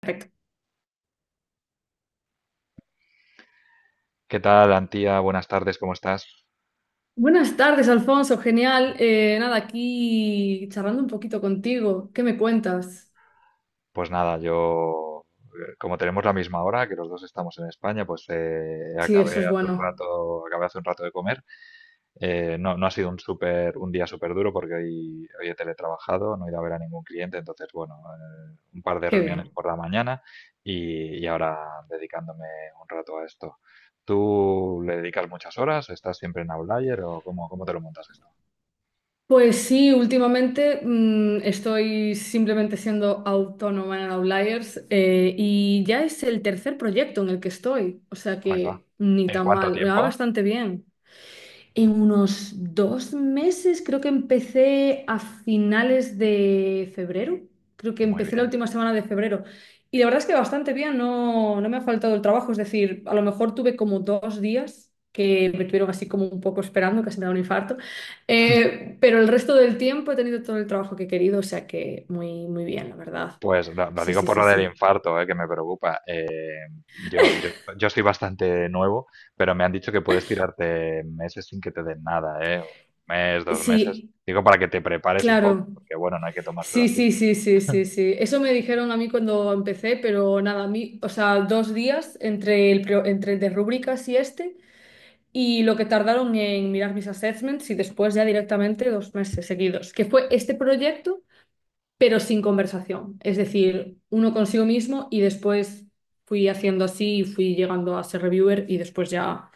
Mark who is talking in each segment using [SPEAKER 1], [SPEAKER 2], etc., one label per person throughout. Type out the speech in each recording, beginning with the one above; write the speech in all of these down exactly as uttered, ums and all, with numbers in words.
[SPEAKER 1] Perfecto.
[SPEAKER 2] ¿Qué tal, Antía? Buenas tardes, ¿cómo estás?
[SPEAKER 1] Buenas tardes, Alfonso. Genial. Eh, nada, aquí charlando un poquito contigo. ¿Qué me cuentas?
[SPEAKER 2] Pues nada, yo, eh, como tenemos la misma hora, que los dos estamos en España, pues eh,
[SPEAKER 1] Sí, eso
[SPEAKER 2] acabé
[SPEAKER 1] es
[SPEAKER 2] hace un
[SPEAKER 1] bueno.
[SPEAKER 2] rato, acabé hace un rato de comer. Eh, no, no ha sido un súper, un día súper duro porque hoy, hoy he teletrabajado, no he ido a ver a ningún cliente, entonces, bueno, eh, un par de
[SPEAKER 1] Qué
[SPEAKER 2] reuniones
[SPEAKER 1] bien.
[SPEAKER 2] por la mañana y, y ahora dedicándome un rato a esto. ¿Tú le dedicas muchas horas? ¿Estás siempre en Outlier o cómo, cómo te lo montas esto?
[SPEAKER 1] Pues sí, últimamente mm, estoy simplemente siendo autónoma en Outliers eh, y ya es el tercer proyecto en el que estoy. O sea
[SPEAKER 2] Ahí va.
[SPEAKER 1] que ni
[SPEAKER 2] ¿En
[SPEAKER 1] tan
[SPEAKER 2] cuánto
[SPEAKER 1] mal, me va
[SPEAKER 2] tiempo?
[SPEAKER 1] bastante bien. En unos dos meses, creo que empecé a finales de febrero. Creo que
[SPEAKER 2] Muy
[SPEAKER 1] empecé la
[SPEAKER 2] bien.
[SPEAKER 1] última semana de febrero. Y la verdad es que bastante bien, no, no me ha faltado el trabajo. Es decir, a lo mejor tuve como dos días que me tuvieron así como un poco esperando, casi me da un infarto. Eh, pero el resto del tiempo he tenido todo el trabajo que he querido, o sea que muy, muy bien, la verdad.
[SPEAKER 2] Pues lo, lo
[SPEAKER 1] Sí,
[SPEAKER 2] digo
[SPEAKER 1] sí,
[SPEAKER 2] por
[SPEAKER 1] sí,
[SPEAKER 2] lo del
[SPEAKER 1] sí.
[SPEAKER 2] infarto, eh, que me preocupa. Eh, yo, yo, yo estoy bastante nuevo, pero me han dicho que puedes tirarte meses sin que te den nada, eh, un mes, dos meses.
[SPEAKER 1] Sí,
[SPEAKER 2] Digo para que te prepares un poco,
[SPEAKER 1] claro.
[SPEAKER 2] porque bueno, no hay que tomárselo
[SPEAKER 1] Sí,
[SPEAKER 2] así.
[SPEAKER 1] sí, sí, sí, sí, sí. Eso me dijeron a mí cuando empecé, pero nada, a mí, o sea, dos días entre el, pro- entre el de rúbricas y este, y lo que tardaron en mirar mis assessments y después ya directamente dos meses seguidos, que fue este proyecto, pero sin conversación. Es decir, uno consigo mismo y después fui haciendo así y fui llegando a ser reviewer y después ya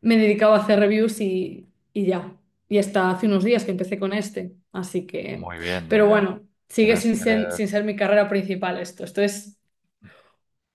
[SPEAKER 1] me he dedicado a hacer reviews y, y ya. Y hasta hace unos días que empecé con este. Así que,
[SPEAKER 2] Muy bien, muy
[SPEAKER 1] pero
[SPEAKER 2] bien.
[SPEAKER 1] bueno, sigue sin ser, sin ser mi carrera principal esto. Esto es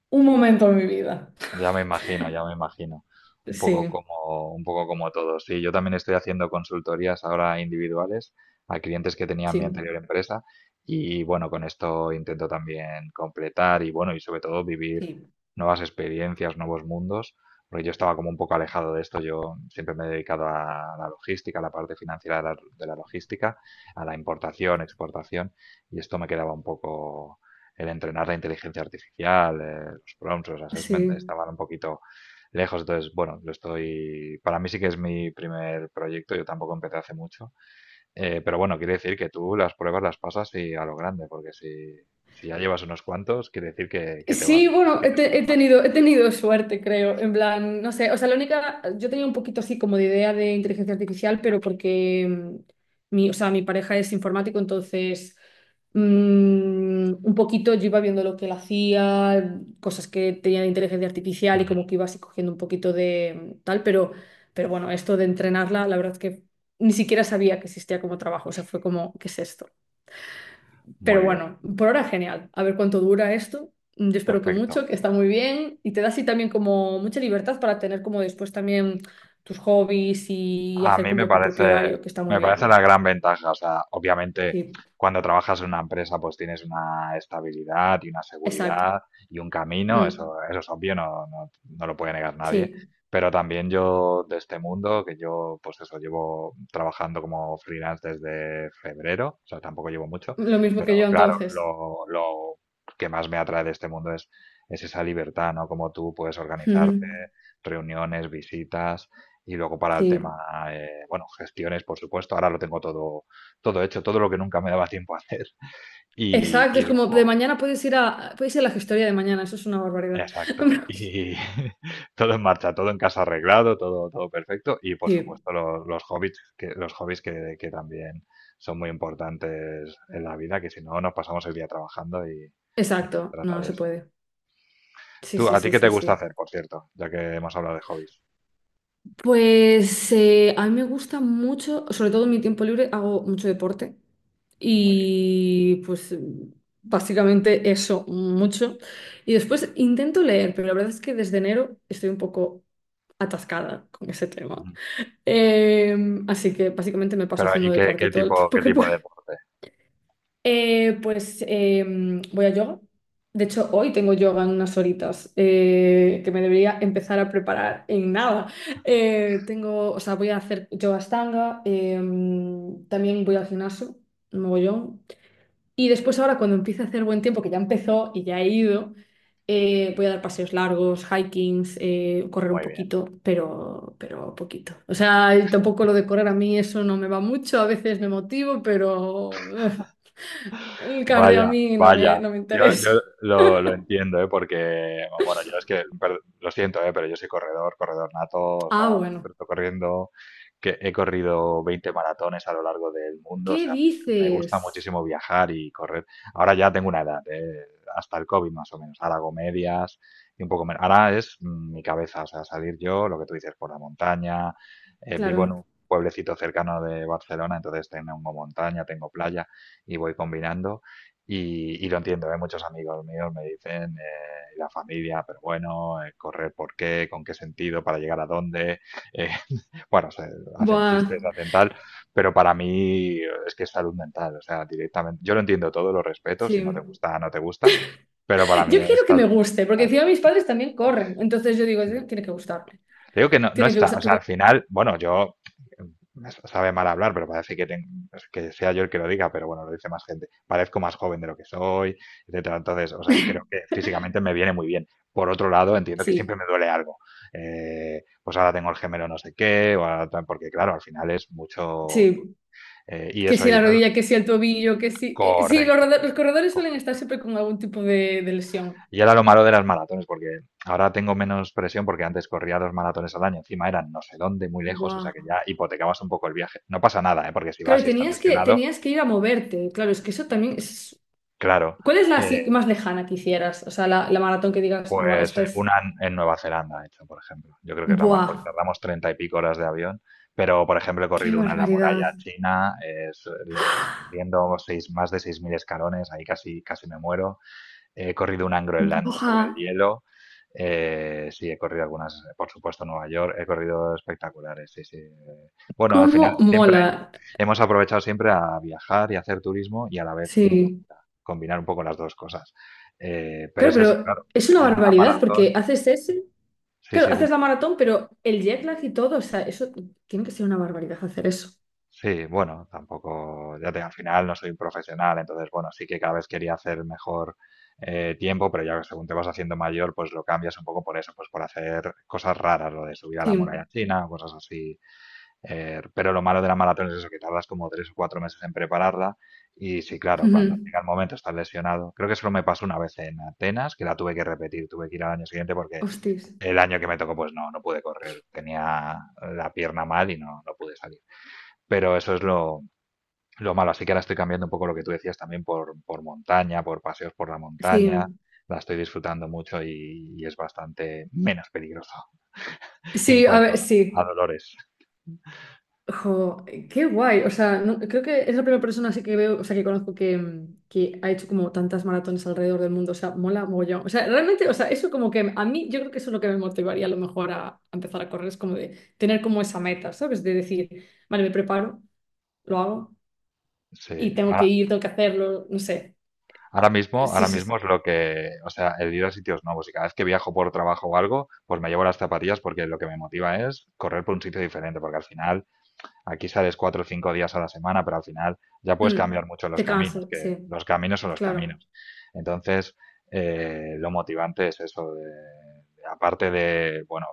[SPEAKER 1] un momento en mi vida.
[SPEAKER 2] Ya me imagino, ya me imagino. Un poco
[SPEAKER 1] Sí,
[SPEAKER 2] como, un poco como todos. Sí, yo también estoy haciendo consultorías ahora individuales a clientes que tenía en mi
[SPEAKER 1] sí,
[SPEAKER 2] anterior empresa y bueno, con esto intento también completar y bueno, y sobre todo vivir
[SPEAKER 1] Sí.
[SPEAKER 2] nuevas experiencias, nuevos mundos, porque yo estaba como un poco alejado de esto. Yo siempre me he dedicado a la logística, a la parte financiera de la, de la logística, a la importación, exportación y esto me quedaba un poco el entrenar la inteligencia artificial, eh, los prompts, los assessment,
[SPEAKER 1] sí.
[SPEAKER 2] estaban un poquito lejos. Entonces, bueno, lo estoy. Para mí sí que es mi primer proyecto, yo tampoco empecé hace mucho. Eh, pero bueno, quiere decir que tú las pruebas las pasas y a lo grande, porque si, si ya llevas unos cuantos, quiere decir que, que te va
[SPEAKER 1] Sí,
[SPEAKER 2] bien,
[SPEAKER 1] bueno,
[SPEAKER 2] que
[SPEAKER 1] he,
[SPEAKER 2] eres
[SPEAKER 1] te-
[SPEAKER 2] una
[SPEAKER 1] he
[SPEAKER 2] máquina.
[SPEAKER 1] tenido, he tenido suerte, creo. En plan, no sé, o sea, la única, yo tenía un poquito así como de idea de inteligencia artificial, pero porque mm, mi, o sea, mi pareja es informático, entonces mm, un poquito yo iba viendo lo que él hacía, cosas que tenía de inteligencia artificial y
[SPEAKER 2] Ujú.
[SPEAKER 1] como que iba así cogiendo un poquito de mm, tal, pero, pero bueno, esto de entrenarla, la verdad es que ni siquiera sabía que existía como trabajo, o sea, fue como, ¿qué es esto?
[SPEAKER 2] Muy
[SPEAKER 1] Pero
[SPEAKER 2] bien,
[SPEAKER 1] bueno, por ahora genial. A ver cuánto dura esto. Yo espero que
[SPEAKER 2] perfecto.
[SPEAKER 1] mucho, que está muy bien y te da así también como mucha libertad para tener como después también tus hobbies y
[SPEAKER 2] A
[SPEAKER 1] hacer
[SPEAKER 2] mí me
[SPEAKER 1] como tu propio
[SPEAKER 2] parece,
[SPEAKER 1] horario, que está muy
[SPEAKER 2] me parece
[SPEAKER 1] bien.
[SPEAKER 2] la gran ventaja. O sea, obviamente,
[SPEAKER 1] Sí,
[SPEAKER 2] cuando trabajas en una empresa, pues tienes una estabilidad y una
[SPEAKER 1] exacto.
[SPEAKER 2] seguridad y un camino.
[SPEAKER 1] Mm,
[SPEAKER 2] Eso, eso es obvio, no, no, no lo puede negar nadie.
[SPEAKER 1] sí,
[SPEAKER 2] Pero también yo, de este mundo, que yo, pues eso, llevo trabajando como freelance desde febrero, o sea, tampoco llevo mucho,
[SPEAKER 1] lo mismo que
[SPEAKER 2] pero
[SPEAKER 1] yo
[SPEAKER 2] claro,
[SPEAKER 1] entonces.
[SPEAKER 2] lo, lo que más me atrae de este mundo es, es esa libertad, ¿no? Como tú puedes organizarte,
[SPEAKER 1] Ujú,
[SPEAKER 2] reuniones, visitas. Y luego para el
[SPEAKER 1] sí,
[SPEAKER 2] tema, eh, bueno, gestiones, por supuesto. Ahora lo tengo todo, todo hecho, todo lo que nunca me daba tiempo a hacer. Y,
[SPEAKER 1] exacto.
[SPEAKER 2] y
[SPEAKER 1] Es como de
[SPEAKER 2] luego,
[SPEAKER 1] mañana puedes ir a, puedes ir a la gestoría de mañana, eso es una barbaridad.
[SPEAKER 2] exacto. Y todo en marcha, todo en casa arreglado, todo, todo perfecto. Y por
[SPEAKER 1] Sí,
[SPEAKER 2] supuesto, lo- los hobbies, que, los hobbies que, que también son muy importantes en la vida, que si no, nos pasamos el día trabajando y, y no se
[SPEAKER 1] exacto. No,
[SPEAKER 2] trata
[SPEAKER 1] no
[SPEAKER 2] de
[SPEAKER 1] se
[SPEAKER 2] eso.
[SPEAKER 1] puede. Sí,
[SPEAKER 2] ¿Tú,
[SPEAKER 1] sí,
[SPEAKER 2] a ti
[SPEAKER 1] sí,
[SPEAKER 2] qué te
[SPEAKER 1] sí,
[SPEAKER 2] gusta
[SPEAKER 1] sí.
[SPEAKER 2] hacer, por cierto? Ya que hemos hablado de hobbies.
[SPEAKER 1] Pues eh, a mí me gusta mucho, sobre todo en mi tiempo libre, hago mucho deporte
[SPEAKER 2] Muy bien.
[SPEAKER 1] y pues básicamente eso, mucho. Y después intento leer, pero la verdad es que desde enero estoy un poco atascada con ese tema.
[SPEAKER 2] Ujú.
[SPEAKER 1] Eh, Así que básicamente me paso
[SPEAKER 2] Pero,
[SPEAKER 1] haciendo
[SPEAKER 2] ¿y qué,
[SPEAKER 1] deporte
[SPEAKER 2] qué
[SPEAKER 1] todo el
[SPEAKER 2] tipo,
[SPEAKER 1] tiempo
[SPEAKER 2] qué
[SPEAKER 1] que
[SPEAKER 2] tipo de deporte?
[SPEAKER 1] eh, pues em, voy a yoga. De hecho, hoy tengo yoga en unas horitas eh, que me debería empezar a preparar en nada. Eh, tengo, o sea, voy a hacer yoga stanga, em, también voy al gimnasio, un mogollón. Y después ahora cuando empiece a hacer buen tiempo, que ya empezó y ya he ido, eh, voy a dar paseos largos, hikings, eh, correr un
[SPEAKER 2] Muy bien.
[SPEAKER 1] poquito, pero, pero poquito. O sea, y tampoco lo de correr a mí eso no me va mucho, a veces me motivo, pero... El cardio a
[SPEAKER 2] Vaya,
[SPEAKER 1] mí no me,
[SPEAKER 2] vaya.
[SPEAKER 1] no me
[SPEAKER 2] Yo, yo
[SPEAKER 1] interesa.
[SPEAKER 2] lo, lo entiendo, ¿eh? Porque, bueno, yo es que, per- lo siento, ¿eh? Pero yo soy corredor, corredor nato, o sea,
[SPEAKER 1] Ah,
[SPEAKER 2] pero
[SPEAKER 1] bueno.
[SPEAKER 2] estoy corriendo, que he corrido veinte maratones a lo largo del mundo, o
[SPEAKER 1] ¿Qué
[SPEAKER 2] sea, me, me
[SPEAKER 1] dices?
[SPEAKER 2] gusta muchísimo viajar y correr. Ahora ya tengo una edad, ¿eh? Hasta el COVID más o menos, ahora hago medias y un poco menos. Ahora es mm, mi cabeza, o sea, salir yo, lo que tú dices, por la montaña, eh, vivo en
[SPEAKER 1] Claro.
[SPEAKER 2] un pueblecito cercano de Barcelona, entonces tengo montaña, tengo playa y voy combinando. Y, y lo entiendo, ¿eh? Muchos amigos míos me dicen, eh, la familia, pero bueno, eh, correr por qué, con qué sentido, para llegar a dónde. eh, bueno, se hacen
[SPEAKER 1] Buah,
[SPEAKER 2] chistes, hacen tal, pero para mí eh, es que es salud mental, o sea, directamente. Yo lo entiendo todo, lo respeto, si no te
[SPEAKER 1] sí.
[SPEAKER 2] gusta, no te gusta, pero para mí
[SPEAKER 1] Yo
[SPEAKER 2] es
[SPEAKER 1] quiero que me
[SPEAKER 2] salud
[SPEAKER 1] guste, porque
[SPEAKER 2] mental.
[SPEAKER 1] encima mis padres también corren. Entonces yo digo, "Sí,
[SPEAKER 2] Sí.
[SPEAKER 1] tiene que gustarme,
[SPEAKER 2] Te digo que no, no
[SPEAKER 1] tiene que
[SPEAKER 2] está,
[SPEAKER 1] gustar."
[SPEAKER 2] o sea,
[SPEAKER 1] Pero
[SPEAKER 2] al final, bueno, yo me sabe mal hablar, pero parece que, tengo, que sea yo el que lo diga, pero bueno, lo dice más gente. Parezco más joven de lo que soy, etcétera. Entonces, o sea, creo que físicamente me viene muy bien. Por otro lado, entiendo que siempre
[SPEAKER 1] sí,
[SPEAKER 2] me duele algo. Eh, pues ahora tengo el gemelo no sé qué, o ahora tal, porque claro, al final es mucho... tu-
[SPEAKER 1] sí,
[SPEAKER 2] eh, y
[SPEAKER 1] que
[SPEAKER 2] eso,
[SPEAKER 1] si
[SPEAKER 2] y
[SPEAKER 1] la
[SPEAKER 2] entonces,
[SPEAKER 1] rodilla, que si el tobillo, que si... eh, sí, los,
[SPEAKER 2] correcto,
[SPEAKER 1] roda- los corredores suelen estar
[SPEAKER 2] correcto.
[SPEAKER 1] siempre con algún tipo de, de lesión.
[SPEAKER 2] Y era lo malo de las maratones, porque ahora tengo menos presión porque antes corría dos maratones al año, encima eran no sé dónde, muy lejos, o sea
[SPEAKER 1] Buah.
[SPEAKER 2] que ya hipotecabas un poco el viaje. No pasa nada, ¿eh? Porque si vas
[SPEAKER 1] Claro,
[SPEAKER 2] y estás
[SPEAKER 1] tenías que,
[SPEAKER 2] lesionado,
[SPEAKER 1] tenías que ir a moverte. Claro, es que eso también es...
[SPEAKER 2] claro,
[SPEAKER 1] ¿Cuál es la así
[SPEAKER 2] eh,
[SPEAKER 1] más lejana que hicieras? O sea, la, la maratón que digas, buah,
[SPEAKER 2] es
[SPEAKER 1] esta es...
[SPEAKER 2] una en Nueva Zelanda, de hecho, por ejemplo. Yo creo que es la más,
[SPEAKER 1] Buah.
[SPEAKER 2] porque tardamos treinta y pico horas de avión, pero por ejemplo he
[SPEAKER 1] Qué
[SPEAKER 2] corrido una en la
[SPEAKER 1] barbaridad.
[SPEAKER 2] muralla china, eh, su- le- subiendo seis, más de seis mil escalones, ahí casi, casi me muero. He corrido una en Groenlandia sobre
[SPEAKER 1] Buah,
[SPEAKER 2] el hielo. Eh, sí, he corrido algunas, por supuesto, Nueva York. He corrido espectaculares, sí, sí. Eh, Bueno, al final
[SPEAKER 1] cómo
[SPEAKER 2] siempre
[SPEAKER 1] mola.
[SPEAKER 2] hemos aprovechado siempre a viajar y a hacer turismo y a la vez mi
[SPEAKER 1] Sí.
[SPEAKER 2] locura, combinar un poco las dos cosas. Eh, pero
[SPEAKER 1] Claro,
[SPEAKER 2] es eso,
[SPEAKER 1] pero
[SPEAKER 2] claro.
[SPEAKER 1] es una
[SPEAKER 2] En una
[SPEAKER 1] barbaridad porque
[SPEAKER 2] maratón,
[SPEAKER 1] haces ese,
[SPEAKER 2] sí,
[SPEAKER 1] claro,
[SPEAKER 2] sí,
[SPEAKER 1] haces
[SPEAKER 2] dime.
[SPEAKER 1] la maratón, pero el jet lag y todo, o sea, eso tiene que ser una barbaridad hacer eso.
[SPEAKER 2] Sí, bueno, tampoco, ya te, al final no soy un profesional, entonces, bueno, sí que cada vez quería hacer mejor eh, tiempo, pero ya que según te vas haciendo mayor, pues lo cambias un poco por eso, pues por hacer cosas raras, lo de subir a la muralla
[SPEAKER 1] Sí.
[SPEAKER 2] china, cosas así. Eh, pero lo malo de la maratón es eso, que tardas como tres o cuatro meses en prepararla y sí, claro, cuando
[SPEAKER 1] Ujú.
[SPEAKER 2] llega el momento estás lesionado. Creo que solo me pasó una vez en Atenas, que la tuve que repetir, tuve que ir al año siguiente porque
[SPEAKER 1] Hostis.
[SPEAKER 2] el año que me tocó, pues no, no pude correr, tenía la pierna mal y no, no pude salir. Pero eso es lo, lo malo. Así que ahora estoy cambiando un poco lo que tú decías también por, por montaña, por paseos por la montaña.
[SPEAKER 1] Sí.
[SPEAKER 2] La estoy disfrutando mucho y, y es bastante menos peligroso en
[SPEAKER 1] Sí, a
[SPEAKER 2] cuanto
[SPEAKER 1] ver,
[SPEAKER 2] a, a
[SPEAKER 1] sí.
[SPEAKER 2] dolores.
[SPEAKER 1] Jo, qué guay. O sea, no- creo que es la primera persona así que veo, o sea, que conozco que, mm, que ha hecho como tantas maratones alrededor del mundo. O sea, mola mogollón. O sea, realmente, o sea, eso como que a mí, yo creo que eso es lo que me motivaría a lo mejor a, a empezar a correr, es como de tener como esa meta, ¿sabes? De decir, vale, me preparo, lo hago
[SPEAKER 2] Sí,
[SPEAKER 1] y tengo que
[SPEAKER 2] ahora,
[SPEAKER 1] ir, tengo que hacerlo, no sé.
[SPEAKER 2] ahora mismo,
[SPEAKER 1] Sí,
[SPEAKER 2] ahora
[SPEAKER 1] sí,
[SPEAKER 2] mismo
[SPEAKER 1] sí.
[SPEAKER 2] es lo que, o sea, el ir a sitios nuevos y cada vez que viajo por trabajo o algo, pues me llevo las zapatillas porque lo que me motiva es correr por un sitio diferente, porque al final aquí sales cuatro o cinco días a la semana, pero al final ya puedes
[SPEAKER 1] Mm,
[SPEAKER 2] cambiar mucho los
[SPEAKER 1] te
[SPEAKER 2] caminos,
[SPEAKER 1] canso,
[SPEAKER 2] que
[SPEAKER 1] sí,
[SPEAKER 2] los caminos son los
[SPEAKER 1] claro.
[SPEAKER 2] caminos. Entonces, eh, lo motivante es eso, de, de- aparte de, bueno,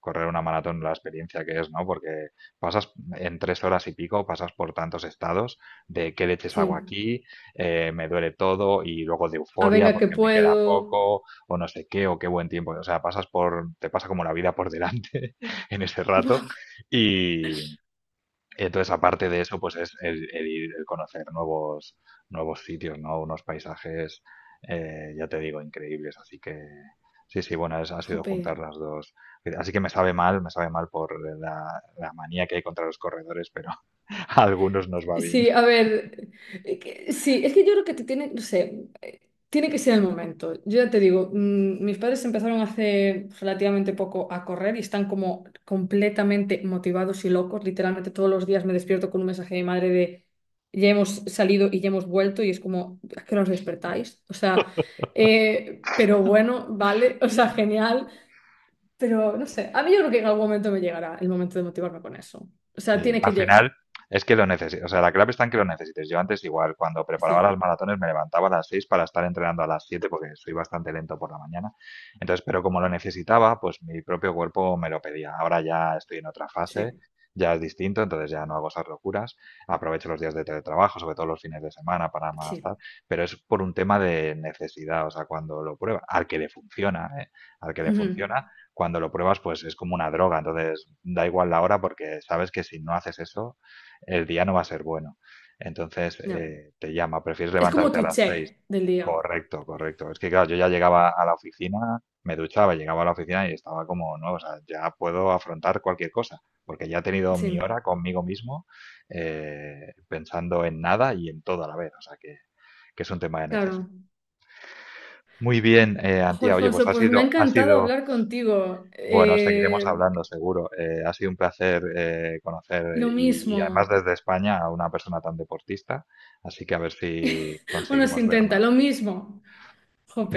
[SPEAKER 2] correr una maratón, la experiencia que es, ¿no? Porque pasas en tres horas y pico, pasas por tantos estados de qué leches hago
[SPEAKER 1] Sí.
[SPEAKER 2] aquí, eh, me duele todo y luego de
[SPEAKER 1] Ah,
[SPEAKER 2] euforia
[SPEAKER 1] venga, que
[SPEAKER 2] porque me queda
[SPEAKER 1] puedo.
[SPEAKER 2] poco o no sé qué o qué buen tiempo. O sea, pasas por, te pasa como la vida por delante en ese rato y, entonces, aparte de eso, pues es el, el ir- el conocer nuevos, nuevos sitios, ¿no? Unos paisajes, eh, ya te digo, increíbles. Así que sí, sí, bueno, es- ha sido
[SPEAKER 1] Jope.
[SPEAKER 2] juntar las dos. Así que me sabe mal, me sabe mal por la, la manía que hay contra los corredores, pero a algunos nos va bien.
[SPEAKER 1] Sí, a ver, eh, que- sí, es que yo creo que te tiene, no sé, eh, tiene que ser el momento. Yo ya te digo, mm, mis padres empezaron hace relativamente poco a correr y están como completamente motivados y locos. Literalmente todos los días me despierto con un mensaje de mi madre de ya hemos salido y ya hemos vuelto y es como, ¿a qué hora os despertáis? O sea, eh, pero bueno, vale, o sea, genial. Pero no sé, a mí yo creo que en algún momento me llegará el momento de motivarme con eso. O sea,
[SPEAKER 2] Sí,
[SPEAKER 1] tiene que
[SPEAKER 2] al
[SPEAKER 1] llegar.
[SPEAKER 2] final es que lo necesitas, o sea, la clave está en que lo necesites. Yo antes igual, cuando preparaba
[SPEAKER 1] Sí,
[SPEAKER 2] las maratones me levantaba a las seis para estar entrenando a las siete porque soy bastante lento por la mañana. Entonces, pero como lo necesitaba, pues mi propio cuerpo me lo pedía. Ahora ya estoy en otra fase,
[SPEAKER 1] sí,
[SPEAKER 2] ya es distinto, entonces ya no hago esas locuras. Aprovecho los días de teletrabajo, sobre todo los fines de semana para más tal,
[SPEAKER 1] sí.
[SPEAKER 2] pero es por un tema de necesidad, o sea, cuando lo prueba, al que le funciona, ¿eh? Al que le
[SPEAKER 1] Ujú,
[SPEAKER 2] funciona, cuando lo pruebas, pues es como una droga. Entonces, da igual la hora porque sabes que si no haces eso, el día no va a ser bueno. Entonces,
[SPEAKER 1] ya.
[SPEAKER 2] eh, te llama, prefieres
[SPEAKER 1] Es como
[SPEAKER 2] levantarte a
[SPEAKER 1] tu
[SPEAKER 2] las seis.
[SPEAKER 1] check del día.
[SPEAKER 2] Correcto, correcto. Es que, claro, yo ya llegaba a la oficina, me duchaba, llegaba a la oficina y estaba como, no, o sea, ya puedo afrontar cualquier cosa, porque ya he tenido mi
[SPEAKER 1] Sí,
[SPEAKER 2] hora conmigo mismo, eh, pensando en nada y en todo a la vez. O sea, que, que es un tema de necesidad.
[SPEAKER 1] claro.
[SPEAKER 2] Muy bien, eh,
[SPEAKER 1] Ojo,
[SPEAKER 2] Antía. Oye, pues
[SPEAKER 1] Alfonso,
[SPEAKER 2] ha
[SPEAKER 1] pues me ha
[SPEAKER 2] sido, ha
[SPEAKER 1] encantado
[SPEAKER 2] sido
[SPEAKER 1] hablar contigo.
[SPEAKER 2] bueno, seguiremos
[SPEAKER 1] Eh,
[SPEAKER 2] hablando, seguro. Eh, ha sido un placer eh, conocer
[SPEAKER 1] lo
[SPEAKER 2] y, y
[SPEAKER 1] mismo.
[SPEAKER 2] además desde España a una persona tan deportista, así que a ver si
[SPEAKER 1] Bueno, se
[SPEAKER 2] conseguimos
[SPEAKER 1] intenta,
[SPEAKER 2] vernos.
[SPEAKER 1] lo mismo.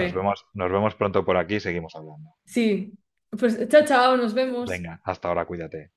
[SPEAKER 2] Nos vemos, nos vemos pronto por aquí y seguimos hablando.
[SPEAKER 1] Sí. Pues chao, chao, nos vemos.
[SPEAKER 2] Venga, hasta ahora, cuídate.